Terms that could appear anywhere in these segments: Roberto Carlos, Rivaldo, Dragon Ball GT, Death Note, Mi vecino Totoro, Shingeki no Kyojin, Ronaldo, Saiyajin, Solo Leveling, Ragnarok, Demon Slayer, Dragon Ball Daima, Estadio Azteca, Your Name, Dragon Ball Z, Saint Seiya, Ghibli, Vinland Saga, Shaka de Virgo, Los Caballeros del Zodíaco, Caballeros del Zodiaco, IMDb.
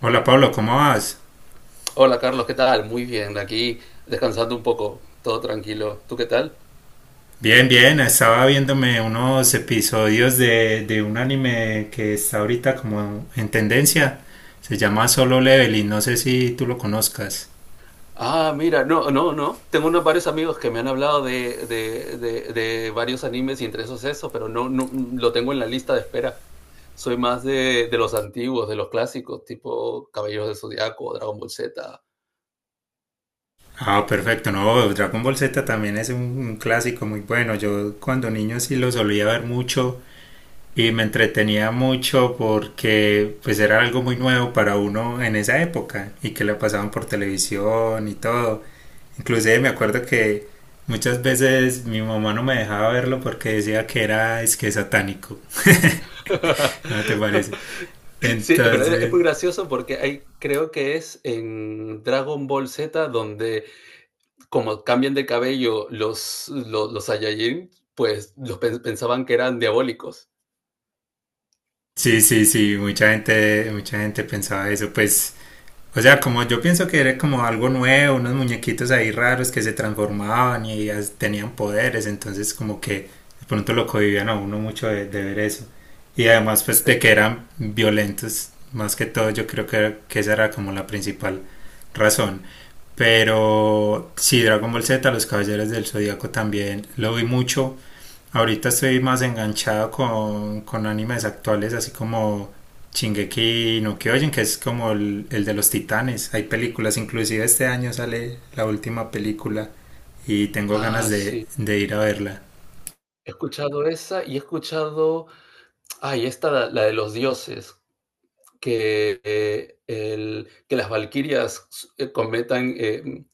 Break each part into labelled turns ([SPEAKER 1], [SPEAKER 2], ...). [SPEAKER 1] Hola Pablo, ¿cómo vas?
[SPEAKER 2] Hola Carlos, ¿qué tal? Muy bien, aquí descansando un poco, todo tranquilo. ¿Tú qué tal?
[SPEAKER 1] Bien, bien, estaba viéndome unos episodios de un anime que está ahorita como en tendencia. Se llama Solo Leveling, no sé si tú lo conozcas.
[SPEAKER 2] Ah, mira, no, no, no. Tengo unos varios amigos que me han hablado de varios animes y entre esos eso, pero no, no lo tengo en la lista de espera. Soy más de los antiguos, de los clásicos, tipo Caballeros del Zodiaco, Dragon Ball Z.
[SPEAKER 1] Ah, perfecto, no, Dragon Ball Z también es un clásico muy bueno. Yo cuando niño sí lo solía ver mucho y me entretenía mucho porque pues era algo muy nuevo para uno en esa época y que la pasaban por televisión y todo. Inclusive me acuerdo que muchas veces mi mamá no me dejaba verlo porque decía que era es que satánico. ¿No te parece?
[SPEAKER 2] Sí, pero es
[SPEAKER 1] Entonces,
[SPEAKER 2] muy gracioso porque hay, creo que es en Dragon Ball Z donde como cambian de cabello los Saiyajin, pues los pensaban que eran diabólicos.
[SPEAKER 1] sí, sí, sí, mucha gente pensaba eso, pues o sea, como yo pienso que era como algo nuevo, unos muñequitos ahí raros que se transformaban y tenían poderes, entonces como que de pronto lo cohibían a uno mucho de ver eso. Y además pues
[SPEAKER 2] Sí.
[SPEAKER 1] de que eran violentos, más que todo yo creo que esa era como la principal razón. Pero sí, Dragon Ball Z, Los Caballeros del Zodíaco también lo vi mucho. Ahorita estoy más enganchado con animes actuales, así como Shingeki no Kyojin, que es como el de los titanes. Hay películas, inclusive este año sale la última película y tengo ganas
[SPEAKER 2] Ah,
[SPEAKER 1] de,
[SPEAKER 2] sí.
[SPEAKER 1] de ir a verla.
[SPEAKER 2] He escuchado esa y he escuchado. Ay, esta, la de los dioses, que, que las valquirias eh, cometan. eh, mm,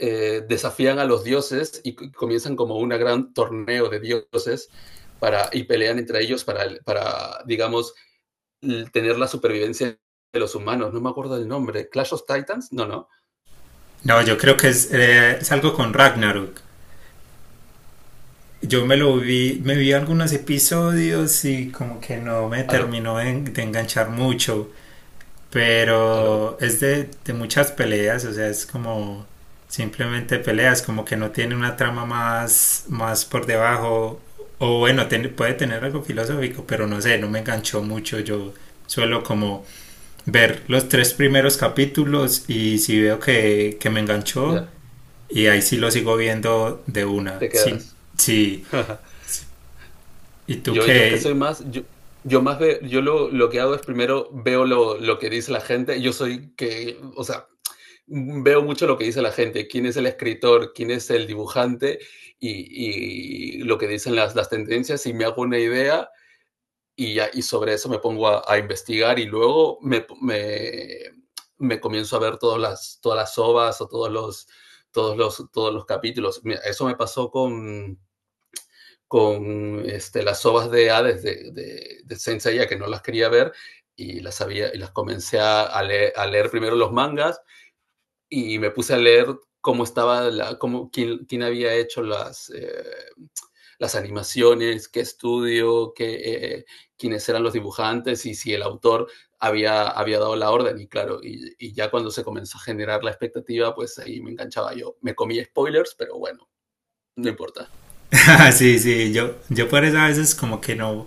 [SPEAKER 2] desafían a los dioses y comienzan como un gran torneo de dioses y pelean entre ellos digamos, tener la supervivencia de los humanos. No me acuerdo del nombre. ¿Clash of Titans? No, no.
[SPEAKER 1] No, yo creo que es algo con Ragnarok. Yo me lo vi, me vi algunos episodios y como que no me
[SPEAKER 2] Aló,
[SPEAKER 1] terminó de enganchar mucho.
[SPEAKER 2] aló.
[SPEAKER 1] Pero es de muchas peleas, o sea, es como simplemente peleas, como que no tiene una trama más, más por debajo. O bueno, puede tener algo filosófico, pero no sé, no me enganchó mucho. Yo suelo como ver los tres primeros capítulos y si veo que me enganchó,
[SPEAKER 2] Ya,
[SPEAKER 1] y ahí sí lo sigo viendo de una.
[SPEAKER 2] te
[SPEAKER 1] Sí,
[SPEAKER 2] quedas.
[SPEAKER 1] sí. ¿Y tú
[SPEAKER 2] Yo es que
[SPEAKER 1] qué?
[SPEAKER 2] soy más. Yo que hago es primero veo que dice la gente. O sea, veo mucho lo que dice la gente, quién es el escritor, quién es el dibujante y lo que dicen las tendencias y me hago una idea y, ya, y sobre eso me pongo a investigar y luego me comienzo a ver todas las ovas o todos los capítulos. Mira, eso me pasó con este, las ovas de Hades de Saint Seiya, que no las quería ver y las comencé a leer primero los mangas y me puse a leer cómo estaba, cómo, quién había hecho las animaciones, qué estudio, quiénes eran los dibujantes y si el autor había dado la orden. Y claro, ya cuando se comenzó a generar la expectativa, pues ahí me enganchaba yo. Me comí spoilers, pero bueno, no importa.
[SPEAKER 1] Sí, sí, yo por eso a veces como que no,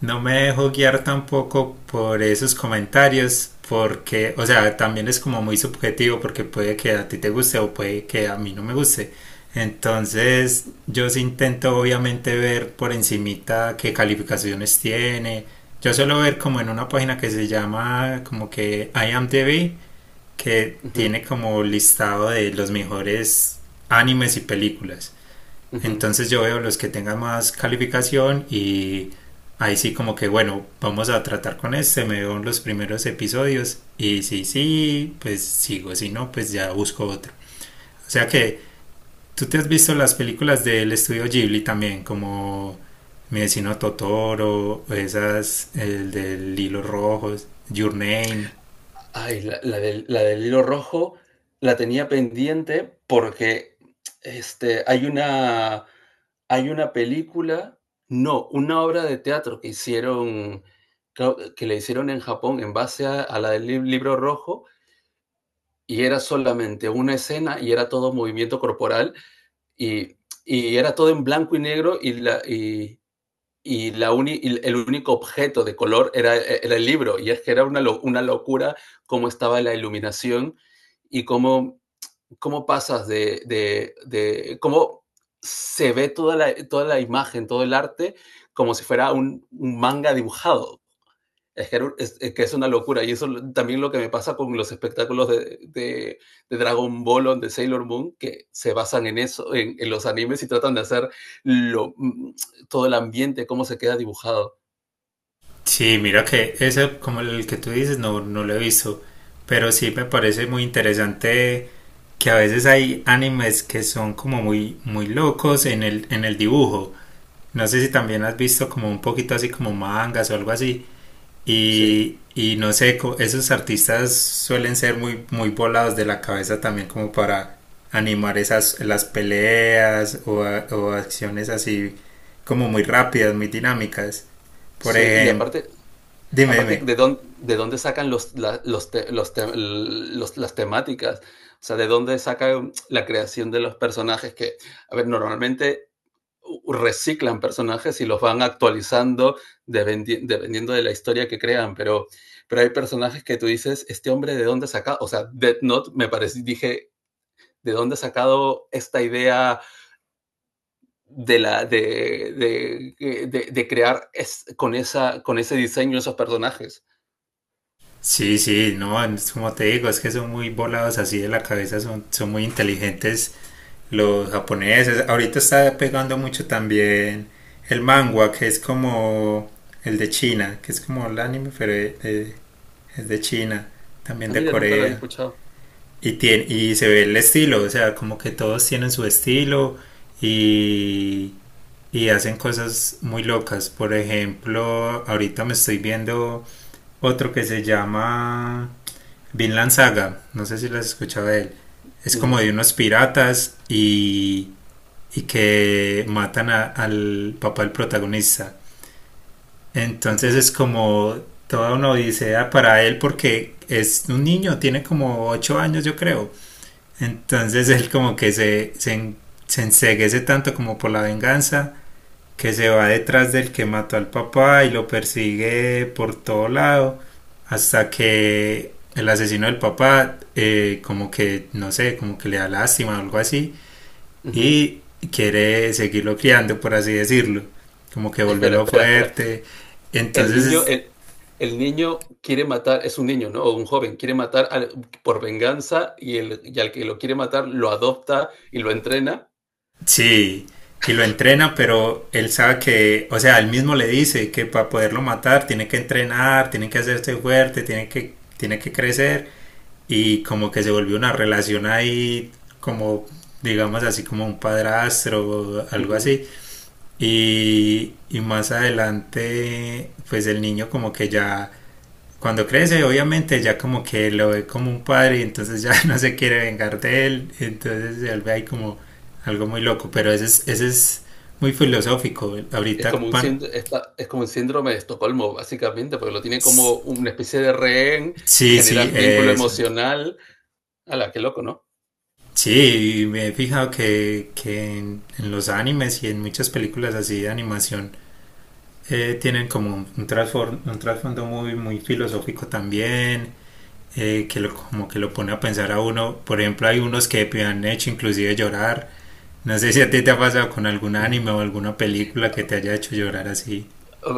[SPEAKER 1] no me dejo guiar tampoco por esos comentarios, porque, o sea, también es como muy subjetivo, porque puede que a ti te guste o puede que a mí no me guste. Entonces, yo sí intento obviamente ver por encimita qué calificaciones tiene. Yo suelo ver como en una página que se llama como que IMDb, que
[SPEAKER 2] Uh -huh,
[SPEAKER 1] tiene como listado de los mejores animes y películas.
[SPEAKER 2] uh -huh.
[SPEAKER 1] Entonces yo veo los que tengan más calificación y ahí sí como que bueno, vamos a tratar con este, me veo en los primeros episodios y si sí, pues sigo, si no, pues ya busco otro. O sea que tú te has visto las películas del estudio Ghibli también, como Mi vecino Totoro, esas, el del hilo rojo, Your Name.
[SPEAKER 2] Ay, la del hilo rojo la tenía pendiente porque este, hay una película, no, una obra de teatro que hicieron, creo que le hicieron en Japón en base a la del libro rojo y era solamente una escena y era todo movimiento corporal y, y era todo en blanco y negro y el único objeto de color el libro. Y es que era una locura cómo estaba la iluminación y cómo, cómo pasas de cómo se ve toda toda la imagen, todo el arte, como si fuera un manga dibujado. Es que es una locura. Y eso también lo que me pasa con los espectáculos de Dragon Ball o de Sailor Moon, que se basan en eso, en los animes y tratan de hacer lo, mm, todo el ambiente, cómo se queda dibujado.
[SPEAKER 1] Sí, mira que ese, como el que tú dices, no, no lo he visto, pero sí me parece muy interesante que a veces hay animes que son como muy, muy locos en el dibujo. No sé si también has visto como un poquito así como mangas o algo así.
[SPEAKER 2] Sí,
[SPEAKER 1] Y no sé, esos artistas suelen ser muy, muy volados de la cabeza también como para animar esas, las peleas o, o acciones así como muy rápidas, muy dinámicas. Por
[SPEAKER 2] sí. Y
[SPEAKER 1] ejemplo,
[SPEAKER 2] aparte,
[SPEAKER 1] dime,
[SPEAKER 2] aparte
[SPEAKER 1] dime.
[SPEAKER 2] de dónde sacan los, la- los, te- los te- los- las temáticas, o sea, de dónde sacan la creación de los personajes que, a ver, normalmente reciclan personajes y los van actualizando dependiendo de la historia que crean, pero hay personajes que tú dices, este hombre de dónde saca, o sea, Death Note me parece, dije, ¿de dónde ha sacado esta idea de, la, de crear con ese diseño esos personajes?
[SPEAKER 1] Sí, sí, no, es como te digo, es que son muy volados así de la cabeza, son, son muy inteligentes los japoneses. Ahorita está pegando mucho también el manga, que es como el de China, que es como el anime, pero es de China, también
[SPEAKER 2] Ah,
[SPEAKER 1] de
[SPEAKER 2] mira, nunca lo había
[SPEAKER 1] Corea.
[SPEAKER 2] escuchado.
[SPEAKER 1] Y, tiene, y se ve el estilo, o sea, como que todos tienen su estilo y, y hacen cosas muy locas. Por ejemplo, ahorita me estoy viendo otro que se llama Vinland Saga, no sé si lo has escuchado de él. Es como
[SPEAKER 2] No.
[SPEAKER 1] de unos piratas y que matan al papá del protagonista.
[SPEAKER 2] Uh
[SPEAKER 1] Entonces
[SPEAKER 2] -huh.
[SPEAKER 1] es como toda una odisea para él porque es un niño, tiene como 8 años yo creo. Entonces él como que se, se enceguece tanto como por la venganza que se va detrás del que mató al papá y lo persigue por todo lado hasta que el asesino del papá, como que no sé como que le da lástima o algo así
[SPEAKER 2] Uh -huh.
[SPEAKER 1] y quiere seguirlo criando por así decirlo, como que
[SPEAKER 2] Espera,
[SPEAKER 1] volverlo
[SPEAKER 2] espera, espera.
[SPEAKER 1] fuerte.
[SPEAKER 2] El niño,
[SPEAKER 1] Entonces
[SPEAKER 2] el, el niño quiere matar, es un niño, ¿no? O un joven, quiere matar por venganza y al que lo quiere matar lo adopta y lo entrena.
[SPEAKER 1] sí, y lo entrena, pero él sabe que, o sea, él mismo le dice que para poderlo matar tiene que entrenar, tiene que hacerse fuerte, tiene que crecer y como que se volvió una relación ahí como, digamos, así como un padrastro o algo
[SPEAKER 2] Ujú.
[SPEAKER 1] así. Y, y más adelante pues el niño como que ya cuando crece obviamente ya como que lo ve como un padre y entonces ya no se quiere vengar de él, entonces se vuelve ahí como algo muy loco, pero ese es muy filosófico
[SPEAKER 2] Es
[SPEAKER 1] ahorita
[SPEAKER 2] como un,
[SPEAKER 1] pan.
[SPEAKER 2] es como un síndrome de Estocolmo, básicamente, porque lo tiene como una especie de rehén,
[SPEAKER 1] Sí, sí,
[SPEAKER 2] genera vínculo
[SPEAKER 1] eso.
[SPEAKER 2] emocional. La qué loco, ¿no?
[SPEAKER 1] Sí, me he fijado que en los animes y en muchas películas así de animación, tienen como un un trasfondo muy, muy filosófico también, que lo, como que lo pone a pensar a uno. Por ejemplo, hay unos que me han hecho inclusive llorar. No sé si a ti te ha pasado con algún
[SPEAKER 2] Ujú.
[SPEAKER 1] anime o alguna película que te haya hecho llorar así.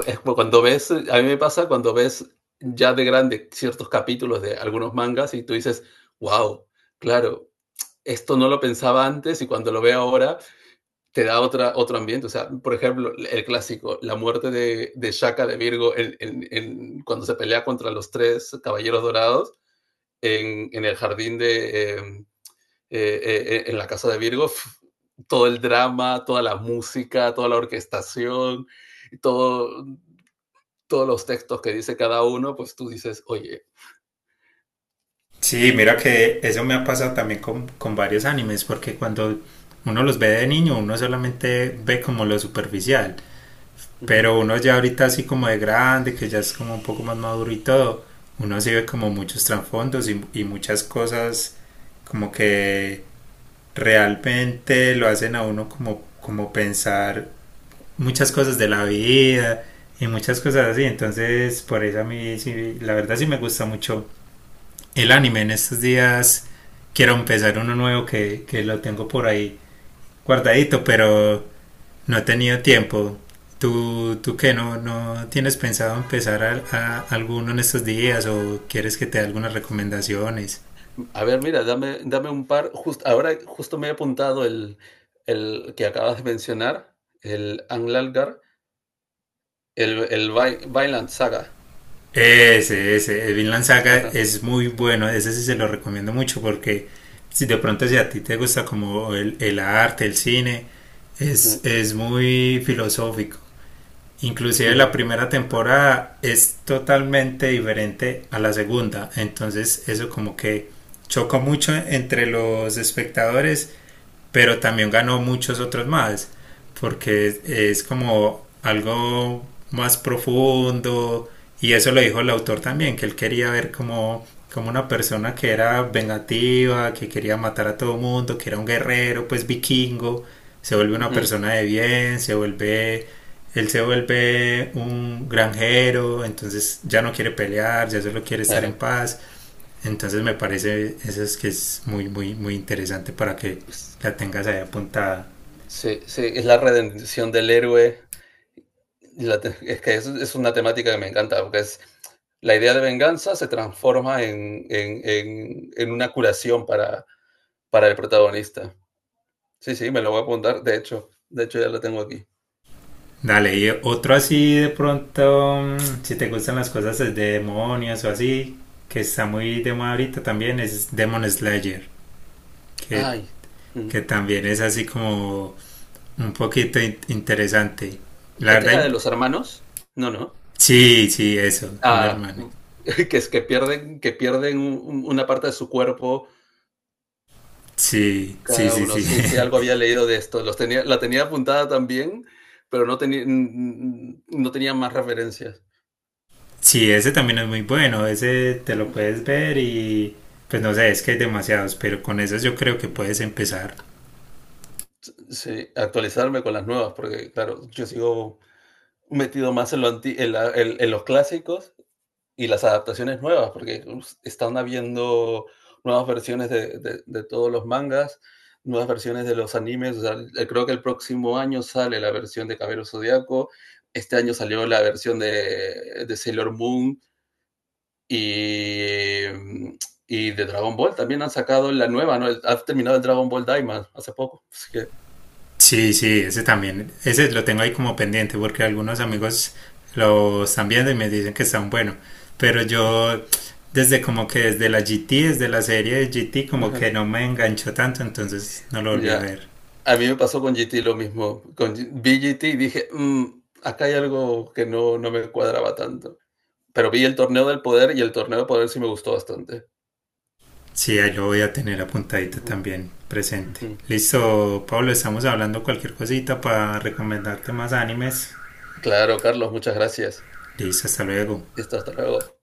[SPEAKER 2] Es como cuando ves, a mí me pasa cuando ves ya de grande ciertos capítulos de algunos mangas y tú dices, wow, claro, esto no lo pensaba antes y cuando lo veo ahora te da otra, otro ambiente. O sea, por ejemplo, el clásico, la muerte de Shaka de Virgo cuando se pelea contra los tres caballeros dorados en el jardín de. En la casa de Virgo, todo el drama, toda la música, toda la orquestación, todo, todos los textos que dice cada uno, pues tú dices, oye,
[SPEAKER 1] Sí, mira que eso me ha pasado también con varios animes, porque cuando uno los ve de niño, uno solamente ve como lo superficial,
[SPEAKER 2] uh -huh.
[SPEAKER 1] pero uno ya ahorita así como de grande, que ya es como un poco más maduro y todo, uno sí ve como muchos trasfondos y muchas cosas como que realmente lo hacen a uno como, como pensar muchas cosas de la vida y muchas cosas así, entonces por eso a mí sí, la verdad sí me gusta mucho el anime en estos días. Quiero empezar uno nuevo que lo tengo por ahí guardadito, pero no he tenido tiempo. ¿Tú, tú qué? ¿No, no tienes pensado empezar a alguno en estos días o quieres que te dé algunas recomendaciones?
[SPEAKER 2] A ver, mira, dame, dame un par. Just, ahora justo me he apuntado el que acabas de mencionar, el Anglalgar, el Vi Vinland Saga.
[SPEAKER 1] Ese, el Vinland Saga
[SPEAKER 2] Ajá.
[SPEAKER 1] es muy
[SPEAKER 2] Sí.
[SPEAKER 1] bueno, ese sí se lo recomiendo mucho porque si de pronto si a ti te gusta como el arte, el cine,
[SPEAKER 2] Ujú,
[SPEAKER 1] es muy filosófico. Inclusive la
[SPEAKER 2] ujú,
[SPEAKER 1] primera temporada es totalmente diferente a la segunda, entonces eso como que chocó mucho entre los espectadores, pero también ganó muchos otros más, porque es como algo más profundo y eso lo dijo el autor también, que él quería ver como, como una persona que era vengativa, que quería matar a todo mundo, que era un guerrero, pues vikingo, se vuelve una
[SPEAKER 2] ujú,
[SPEAKER 1] persona de bien, se vuelve, él se vuelve un granjero, entonces ya no quiere pelear, ya solo quiere estar en
[SPEAKER 2] claro.
[SPEAKER 1] paz. Entonces me parece eso es que es muy, muy, muy interesante para que
[SPEAKER 2] S
[SPEAKER 1] la tengas ahí apuntada.
[SPEAKER 2] sí, sí, es la redención del héroe. La te es que es una temática que me encanta, porque es la idea de venganza se transforma en una curación para el protagonista. Sí, sí, me lo voy a apuntar, de hecho ya la tengo aquí.
[SPEAKER 1] Dale, y otro así de pronto, si te gustan las cosas de demonios o así, que está muy de moda ahorita también, es Demon Slayer, que,
[SPEAKER 2] Ay, mm,
[SPEAKER 1] que también es así como un poquito interesante. La
[SPEAKER 2] ¿esta es la
[SPEAKER 1] verdad,
[SPEAKER 2] de los hermanos? No, ¿no?
[SPEAKER 1] sí, sí, eso, un
[SPEAKER 2] Ah,
[SPEAKER 1] hermano.
[SPEAKER 2] que es que pierden un una parte de su cuerpo.
[SPEAKER 1] Sí, sí,
[SPEAKER 2] Cada
[SPEAKER 1] sí,
[SPEAKER 2] uno,
[SPEAKER 1] sí.
[SPEAKER 2] sí, sí, algo había leído de esto. Los tenía, la tenía apuntada también, pero no, tenía no tenía más referencias.
[SPEAKER 1] Sí, ese también es muy bueno, ese te lo
[SPEAKER 2] Ujú.
[SPEAKER 1] puedes ver y pues no sé, es que hay demasiados, pero con esos yo creo que puedes empezar.
[SPEAKER 2] Sí, actualizarme con las nuevas, porque claro, yo sigo metido más en, lo en los clásicos y las adaptaciones nuevas, porque están habiendo nuevas versiones de todos los mangas, nuevas versiones de los animes. O sea, creo que el próximo año sale la versión de Caballero Zodiaco, este año salió la versión de Sailor Moon, Y, y de Dragon Ball también han sacado la nueva, ¿no? Ha terminado el Dragon Ball Daima hace poco. Así que,
[SPEAKER 1] Sí, sí, ese también, ese lo tengo ahí como pendiente porque algunos amigos lo están viendo y me dicen que están bueno, pero yo desde como que desde la GT, desde la serie de GT como que no me enganchó tanto, entonces no lo volví a
[SPEAKER 2] ya.
[SPEAKER 1] ver.
[SPEAKER 2] A mí me pasó con GT lo mismo. Con, vi GT y dije, mmm, acá hay algo que no, no me cuadraba tanto. Pero vi el torneo del poder y el torneo del poder sí me gustó bastante.
[SPEAKER 1] Sí, ahí lo voy a tener apuntadito
[SPEAKER 2] Ujú,
[SPEAKER 1] también presente.
[SPEAKER 2] ujú.
[SPEAKER 1] Listo, Pablo, estamos hablando cualquier cosita para recomendarte más animes.
[SPEAKER 2] Claro, Carlos, muchas gracias.
[SPEAKER 1] Liz, hasta luego.
[SPEAKER 2] Listo, hasta luego.